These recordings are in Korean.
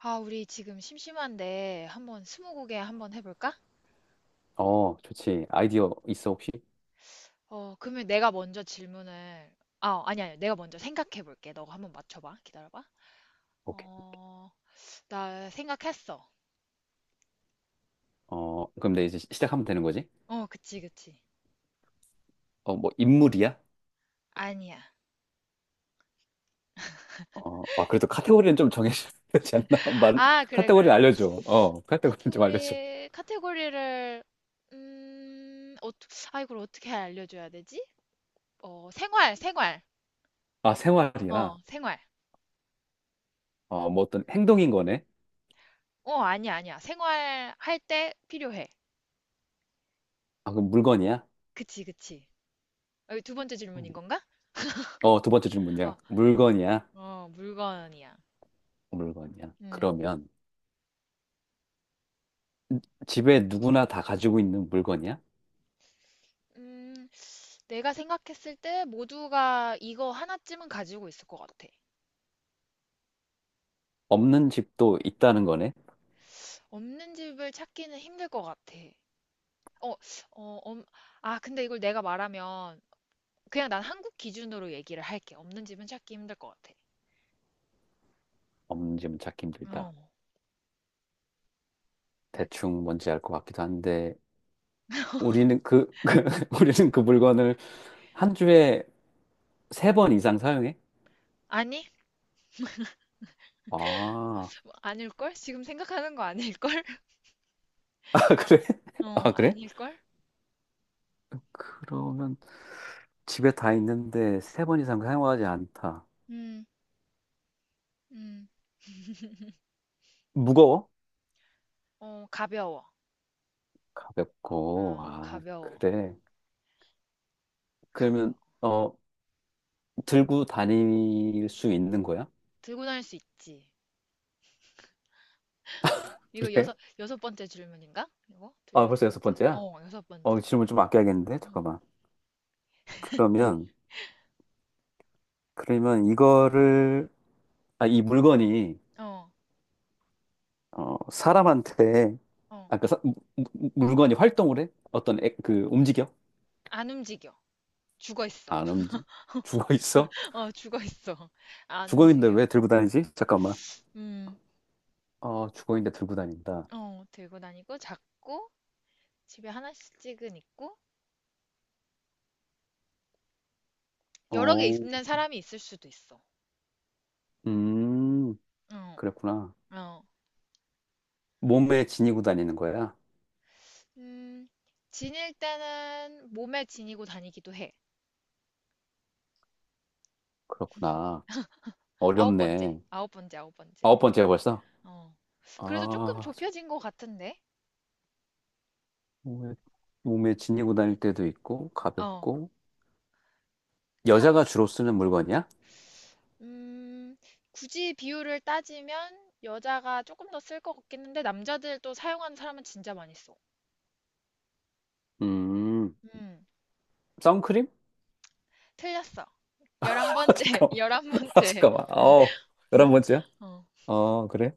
아, 우리 지금 심심한데 한번 스무고개 한번 해볼까? 어, 좋지. 아이디어 있어, 혹시? 그러면 내가 먼저 질문을. 아, 아니 아니. 내가 먼저 생각해 볼게. 너가 한번 맞춰 봐. 기다려 봐. 오케이. 어, 나 생각했어. 어, 그럼 내 이제 시작하면 되는 거지? 어, 그치, 그치. 인물이야? 아니야. 어, 아, 그래도 카테고리는 좀 정해줘야 되지 않나? 말, 아, 그래, 카테고리는 그래. 알려줘. 어, 카테고리는 좀 알려줘. 카테고리를. 음, 어, 아, 이걸 어떻게 알려줘야 되지? 어, 생활, 생활. 아, 어, 생활이야. 생활. 어, 뭐 어떤 행동인 거네? 어, 아니야, 아니야. 생활 할 때 필요해. 아, 그럼 물건이야? 그치, 그치. 어, 2번째 질문인 건가? 어, 두 번째 어, 질문이야. 물건이야? 어, 물건이야. 물건이야. 음, 그러면 집에 누구나 다 가지고 있는 물건이야? 음. 내가 생각했을 때 모두가 이거 하나쯤은 가지고 있을 것 같아. 없는 집도 있다는 거네? 없는 집을 찾기는 힘들 것 같아. 어, 어, 엄, 아, 근데 이걸 내가 말하면, 그냥 난 한국 기준으로 얘기를 할게. 없는 집은 찾기 힘들 것 같아. 없는 집은 찾기 어, 힘들다. 맞아. 대충 뭔지 알 것 같기도 한데, 우리는 그, 그 우리는 그 물건을 한 주에 세 번 이상 사용해? 아니? 아, 아닐걸? 지금 생각하는 거 아닐걸? 아, 그래? 어, 아, 그래? 아닐걸? 그러면 집에 다 있는데 세 번 이상 사용하지 않다. 음. 음, 무거워? 어, 가벼워. 가볍고, 어, 아, 가벼워. 그래. 그러면, 가벼워. 어, 들고 다닐 수 있는 거야? 들고 다닐 수 있지. 이거 그래? 여섯 번째 질문인가? 이거? 둘, 아, 여섯 벌써 여섯 번째. 번째야? 어, 여섯 어, 번째. 질문 좀 아껴야겠는데? 응. 잠깐만. 그러면, 그러면 이거를, 아, 이 물건이 어, 어, 사람한테 어. 아까 물건이 활동을 해? 어떤 그 움직여? 안 움직여. 죽어 있어. 안 움직. 죽어 있어? 어, 죽어 있어. 안 죽어 있는데 움직여. 왜 들고 다니지? 잠깐만. 음, 어, 죽어 있는데 들고 다닌다. 들고 다니고, 작고, 집에 하나씩은 있고, 여러 개 어, 있는 사람이 있을 수도 있어. 음, 어, 그랬구나. 어. 몸에 지니고 다니는 거야? 음, 지닐 때는 몸에 지니고 다니기도 해. 그렇구나. 9번째. 어렵네. 9번째, 아홉 번째. 아홉 번째야 벌써? 어. 그래도 조금 아, 저- 좁혀진 것 같은데? 몸에, 몸에 지니고 다닐 때도 있고 어. 가볍고 여자가 주로 쓰는 물건이야? 음, 굳이 비율을 따지면 여자가 조금 더 쓸 것 같긴 한데 남자들 또 사용하는 사람은 진짜 많이 써. 음, 음, 선크림? 틀렸어. 열한 번째, 잠깐만. 열한 아, 번째. 잠깐만. 어, 열한 번째야? 어, 어, 그래?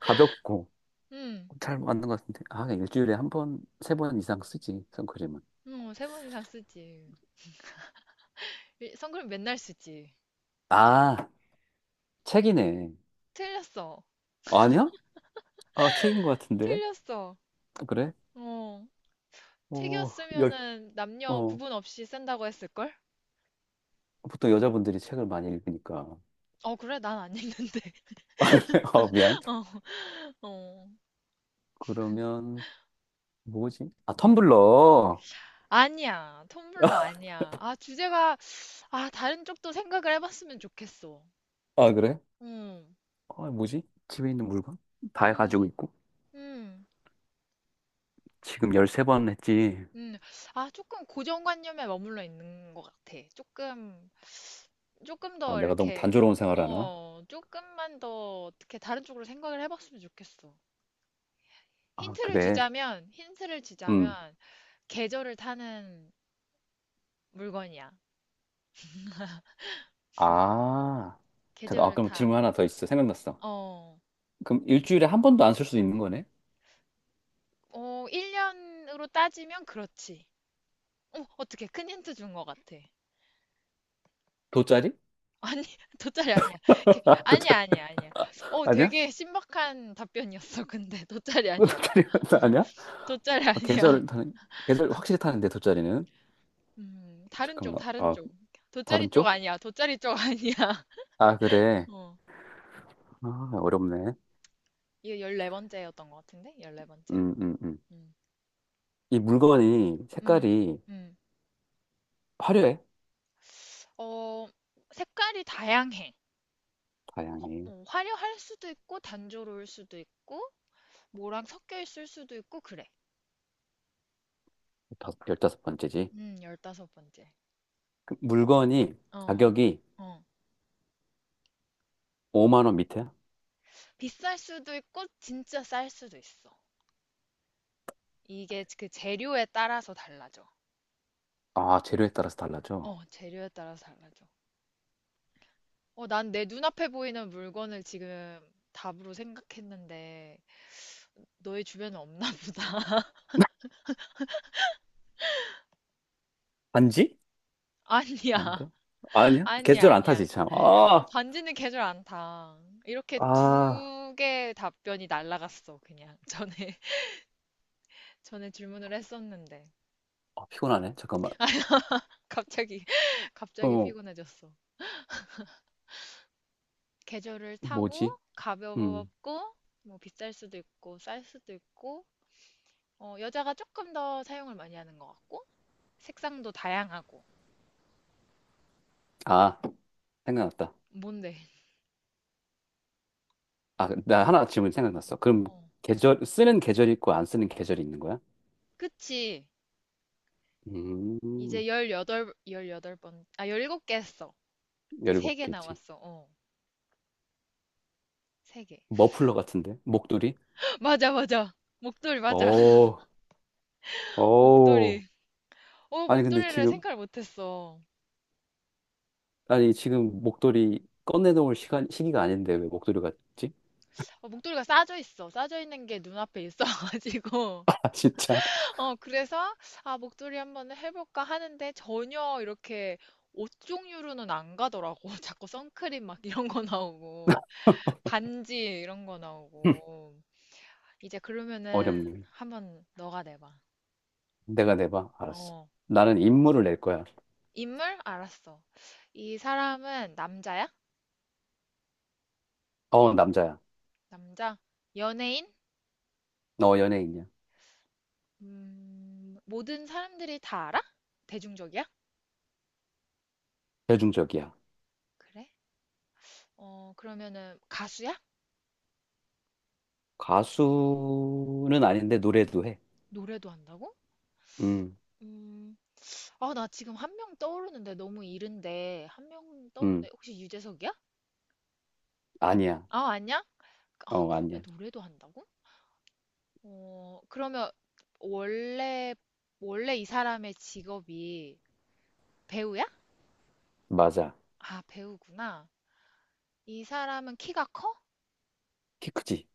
가볍고 음, 잘 맞는 것 같은데. 아, 그냥 일주일에 한 번, 세 번 이상 쓰지, 선크림은. 3번 이상 쓰지. 선크림 맨날 쓰지. 아, 책이네. 틀렸어, 아니야? 아, 책인 것 같은데. 틀렸어. 그래? 어, 어, 열, 책이었으면은 남녀 어, 구분 없이 쓴다고 했을걸? 보통 여자분들이 책을 많이 읽으니까. 어, 그래, 난 안 읽는데. 어, 미안. 어, 어. 그러면, 뭐지? 아, 텀블러. 아니야, 텀블러 아니야. 아, 주제가, 아, 다른 쪽도 생각을 해봤으면 좋겠어. 아, 그래? 음, 아, 뭐지? 집에 있는 물건? 다 음, 가지고 있고. 음, 지금 13번 했지. 음. 아, 조금 고정관념에 머물러 있는 것 같아. 조금, 조금 아, 더 내가 너무 이렇게, 단조로운 생활하나? 조금만 더 어떻게 다른 쪽으로 생각을 해봤으면 좋겠어. 아, 힌트를 그래. 주자면, 힌트를 음. 주자면, 계절을 타는 물건이야. 아, 잠깐, 아, 계절을 그럼 타. 질문 하나 더 있어. 생각났어. 어, 그럼 일주일에 한 번도 안 쓸 수 있는 거네? 1년으로 따지면 그렇지. 어, 어떻게 큰 힌트 준 것 같아. 돗자리? 아니, 돗자리 아니야. 아, 아니야, 돗자리. 아니야, 아니야. 어, 아니야? 되게 신박한 답변이었어, 근데. 돗자리 아니야. 돗자리 아니야? 돗자리 아, 아니야. 계절을 타는, 계절 확실히 타는데, 돗자리는? 다른 쪽, 잠깐만, 다른 아, 쪽. 돗자리 다른 쪽 쪽? 아니야. 돗자리 쪽 아니야. 아, 그래. 어, 아, 어렵네. 이거 14번째였던 것 같은데? 14번째? 음, 음, 음. 음, 이 물건이 음, 색깔이 음. 화려해. 어, 색깔이 다양해. 어, 다양해. 어, 화려할 수도 있고, 단조로울 수도 있고, 뭐랑 섞여 있을 수도 있고, 그래. 다 열다섯 번째지. 15번째. 그 물건이 어, 가격이 어. 5만 원 밑에야? 비쌀 수도 있고 진짜 쌀 수도 있어. 이게 그 재료에 따라서 달라져. 아, 재료에 따라서 달라져. 어, 재료에 따라서 달라져. 어, 난 내 눈앞에 보이는 물건을 지금 답으로 생각했는데 너의 주변에 없나 보다. 반지? 아니야. 아닌가? 아니야? 아니야, 계절 안 아니야. 타지, 참. 어, 아, 반지는 계절 안 타. 이렇게 아, 두 개의 답변이 날라갔어, 그냥. 전에, 전에 질문을 했었는데. 아, 피곤하네. 잠깐만. 갑자기, 갑자기 어, 피곤해졌어. 계절을 타고, 뭐지? 음, 가볍고, 뭐 비쌀 수도 있고, 쌀 수도 있고, 어, 여자가 조금 더 사용을 많이 하는 것 같고, 색상도 다양하고. 아, 생각났다. 뭔데? 아, 나 하나 질문 생각났어. 그럼 어. 계절, 쓰는 계절이 있고 안 쓰는 계절이 있는 거야? 그치. 음, 이제 17개 했어. 이제 열이 3개 먹겠지. 나왔어. 어, 세 개. 머플러 같은데? 목도리? 맞아, 맞아. 목도리, 맞아. 오, 오. 목도리. 어, 아니, 근데 목도리를 지금, 생각을 못했어. 아니, 지금 목도리 꺼내놓을 시간, 시기가 아닌데 왜 목도리 같지? 어, 목도리가 싸져 있어. 싸져 있는 게 눈앞에 있어가지고. 아, 진짜. 어, 그래서, 아, 목도리 한번 해볼까 하는데 전혀 이렇게 옷 종류로는 안 가더라고. 자꾸 선크림 막 이런 거 나오고. 반지 이런 거 나오고. 이제 그러면은 어렵네. 한번 너가 내봐. 내가 내봐. 알았어. 어. 나는 임무를 낼 거야. 인물? 알았어. 이 사람은 남자야? 어, 남자야. 남자? 연예인? 너 연예인이야. 모든 사람들이 다 알아? 대중적이야? 대중적이야. 그래? 어, 그러면은 가수야? 가수는 아닌데 노래도 해. 노래도 한다고? 음, 음. 아, 나 지금 한 명 떠오르는데 너무 이른데 한 명 떠오르는데 음, 혹시 유재석이야? 아니야. 아, 아니야? 아, 어, 그러면 아니야. 노래도 한다고? 그러면 원래 원래 이 사람의 직업이 배우야? 맞아. 아, 배우구나. 이 사람은 키가 커? 키 크지.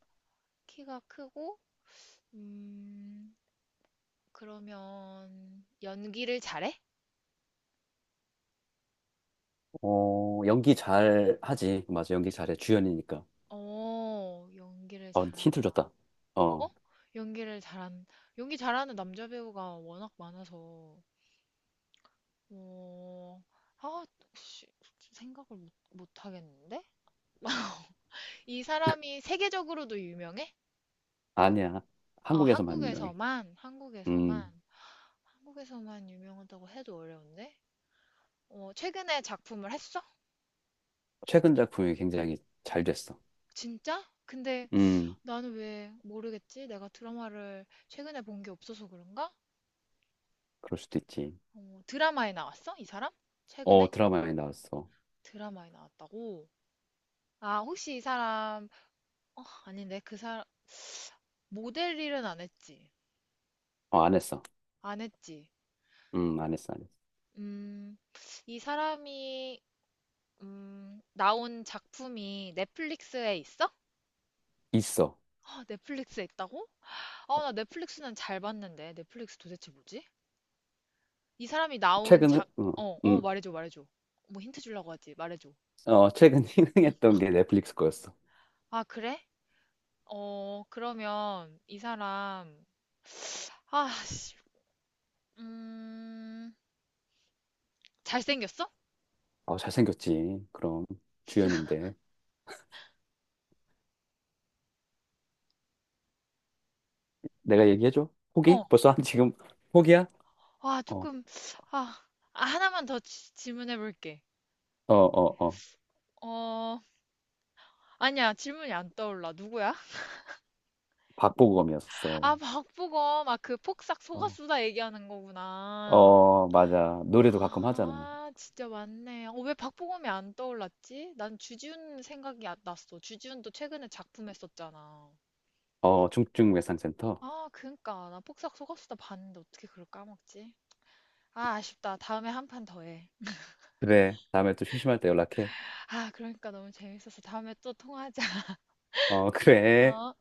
키가 크고, 음, 그러면 연기를 잘해? 어, 연기 잘 하지. 맞아, 연기 잘해. 주연이니까. 어, 연기를 어, 힌트 잘한다. 줬다. 어? 어, 연기를 잘한, 연기 잘하는 남자 배우가 워낙 많아서, 어, 아, 씨, 생각을 못 하겠는데? 이 사람이 세계적으로도 유명해? 아니야. 아, 한국에서만 유명해. 한국에서만, 음, 한국에서만, 한국에서만 유명하다고 해도 어려운데? 어, 최근에 작품을 했어? 최근 작품이 굉장히 잘 됐어. 진짜? 근데 음, 나는 왜 모르겠지? 내가 드라마를 최근에 본 게 없어서 그런가? 그럴 수도 있지. 어, 드라마에 나왔어? 이 사람? 최근에? 어, 드라마에 나왔어. 드라마에 나왔다고? 아, 혹시 이 사람, 어, 아닌데, 그 사람, 모델 일은 안 했지? 어, 안 했어. 안 했지? 안 했어, 안 했어. 음, 이 사람이, 나온 작품이 넷플릭스에 있어? 있어. 아, 넷플릭스에 있다고? 아, 나 넷플릭스는 잘 봤는데. 넷플릭스 도대체 뭐지? 이 사람이 나온 최근은? 작, 어, 어, 어, 음. 말해줘, 말해줘. 뭐 힌트 주려고 하지, 말해줘. 어, 최근 흥행했던 게 넷플릭스 거였어. 아, 그래? 어, 그러면 이 사람, 아, 씨, 음, 잘생겼어? 어, 잘생겼지. 그럼 주연인데. 내가 얘기해줘? 포기? 어, 벌써 한 지금 포기야? 아, 어, 조금, 아, 아, 하나만 더 질문해볼게. 어, 어, 어. 어, 아니야, 질문이 안 떠올라. 누구야? 아, 박보검이었어. 박보검, 아, 그 폭삭 어, 속았수다 얘기하는 거구나. 어, 맞아. 노래도 가끔 하잖아. 아, 진짜 맞네. 어, 왜 박보검이 안 떠올랐지? 난 주지훈 생각이 안 났어. 주지훈도 최근에 작품 했었잖아. 어, 중증외상센터. 아, 그니까. 나 폭삭 속았수다 봤는데 어떻게 그걸 까먹지? 아, 아쉽다. 다음에 1판 더 해. 그래. 다음에 또 심심할 때 연락해. 아, 그러니까 너무 재밌어서 다음에 또 통화하자. 어, 어? 그래.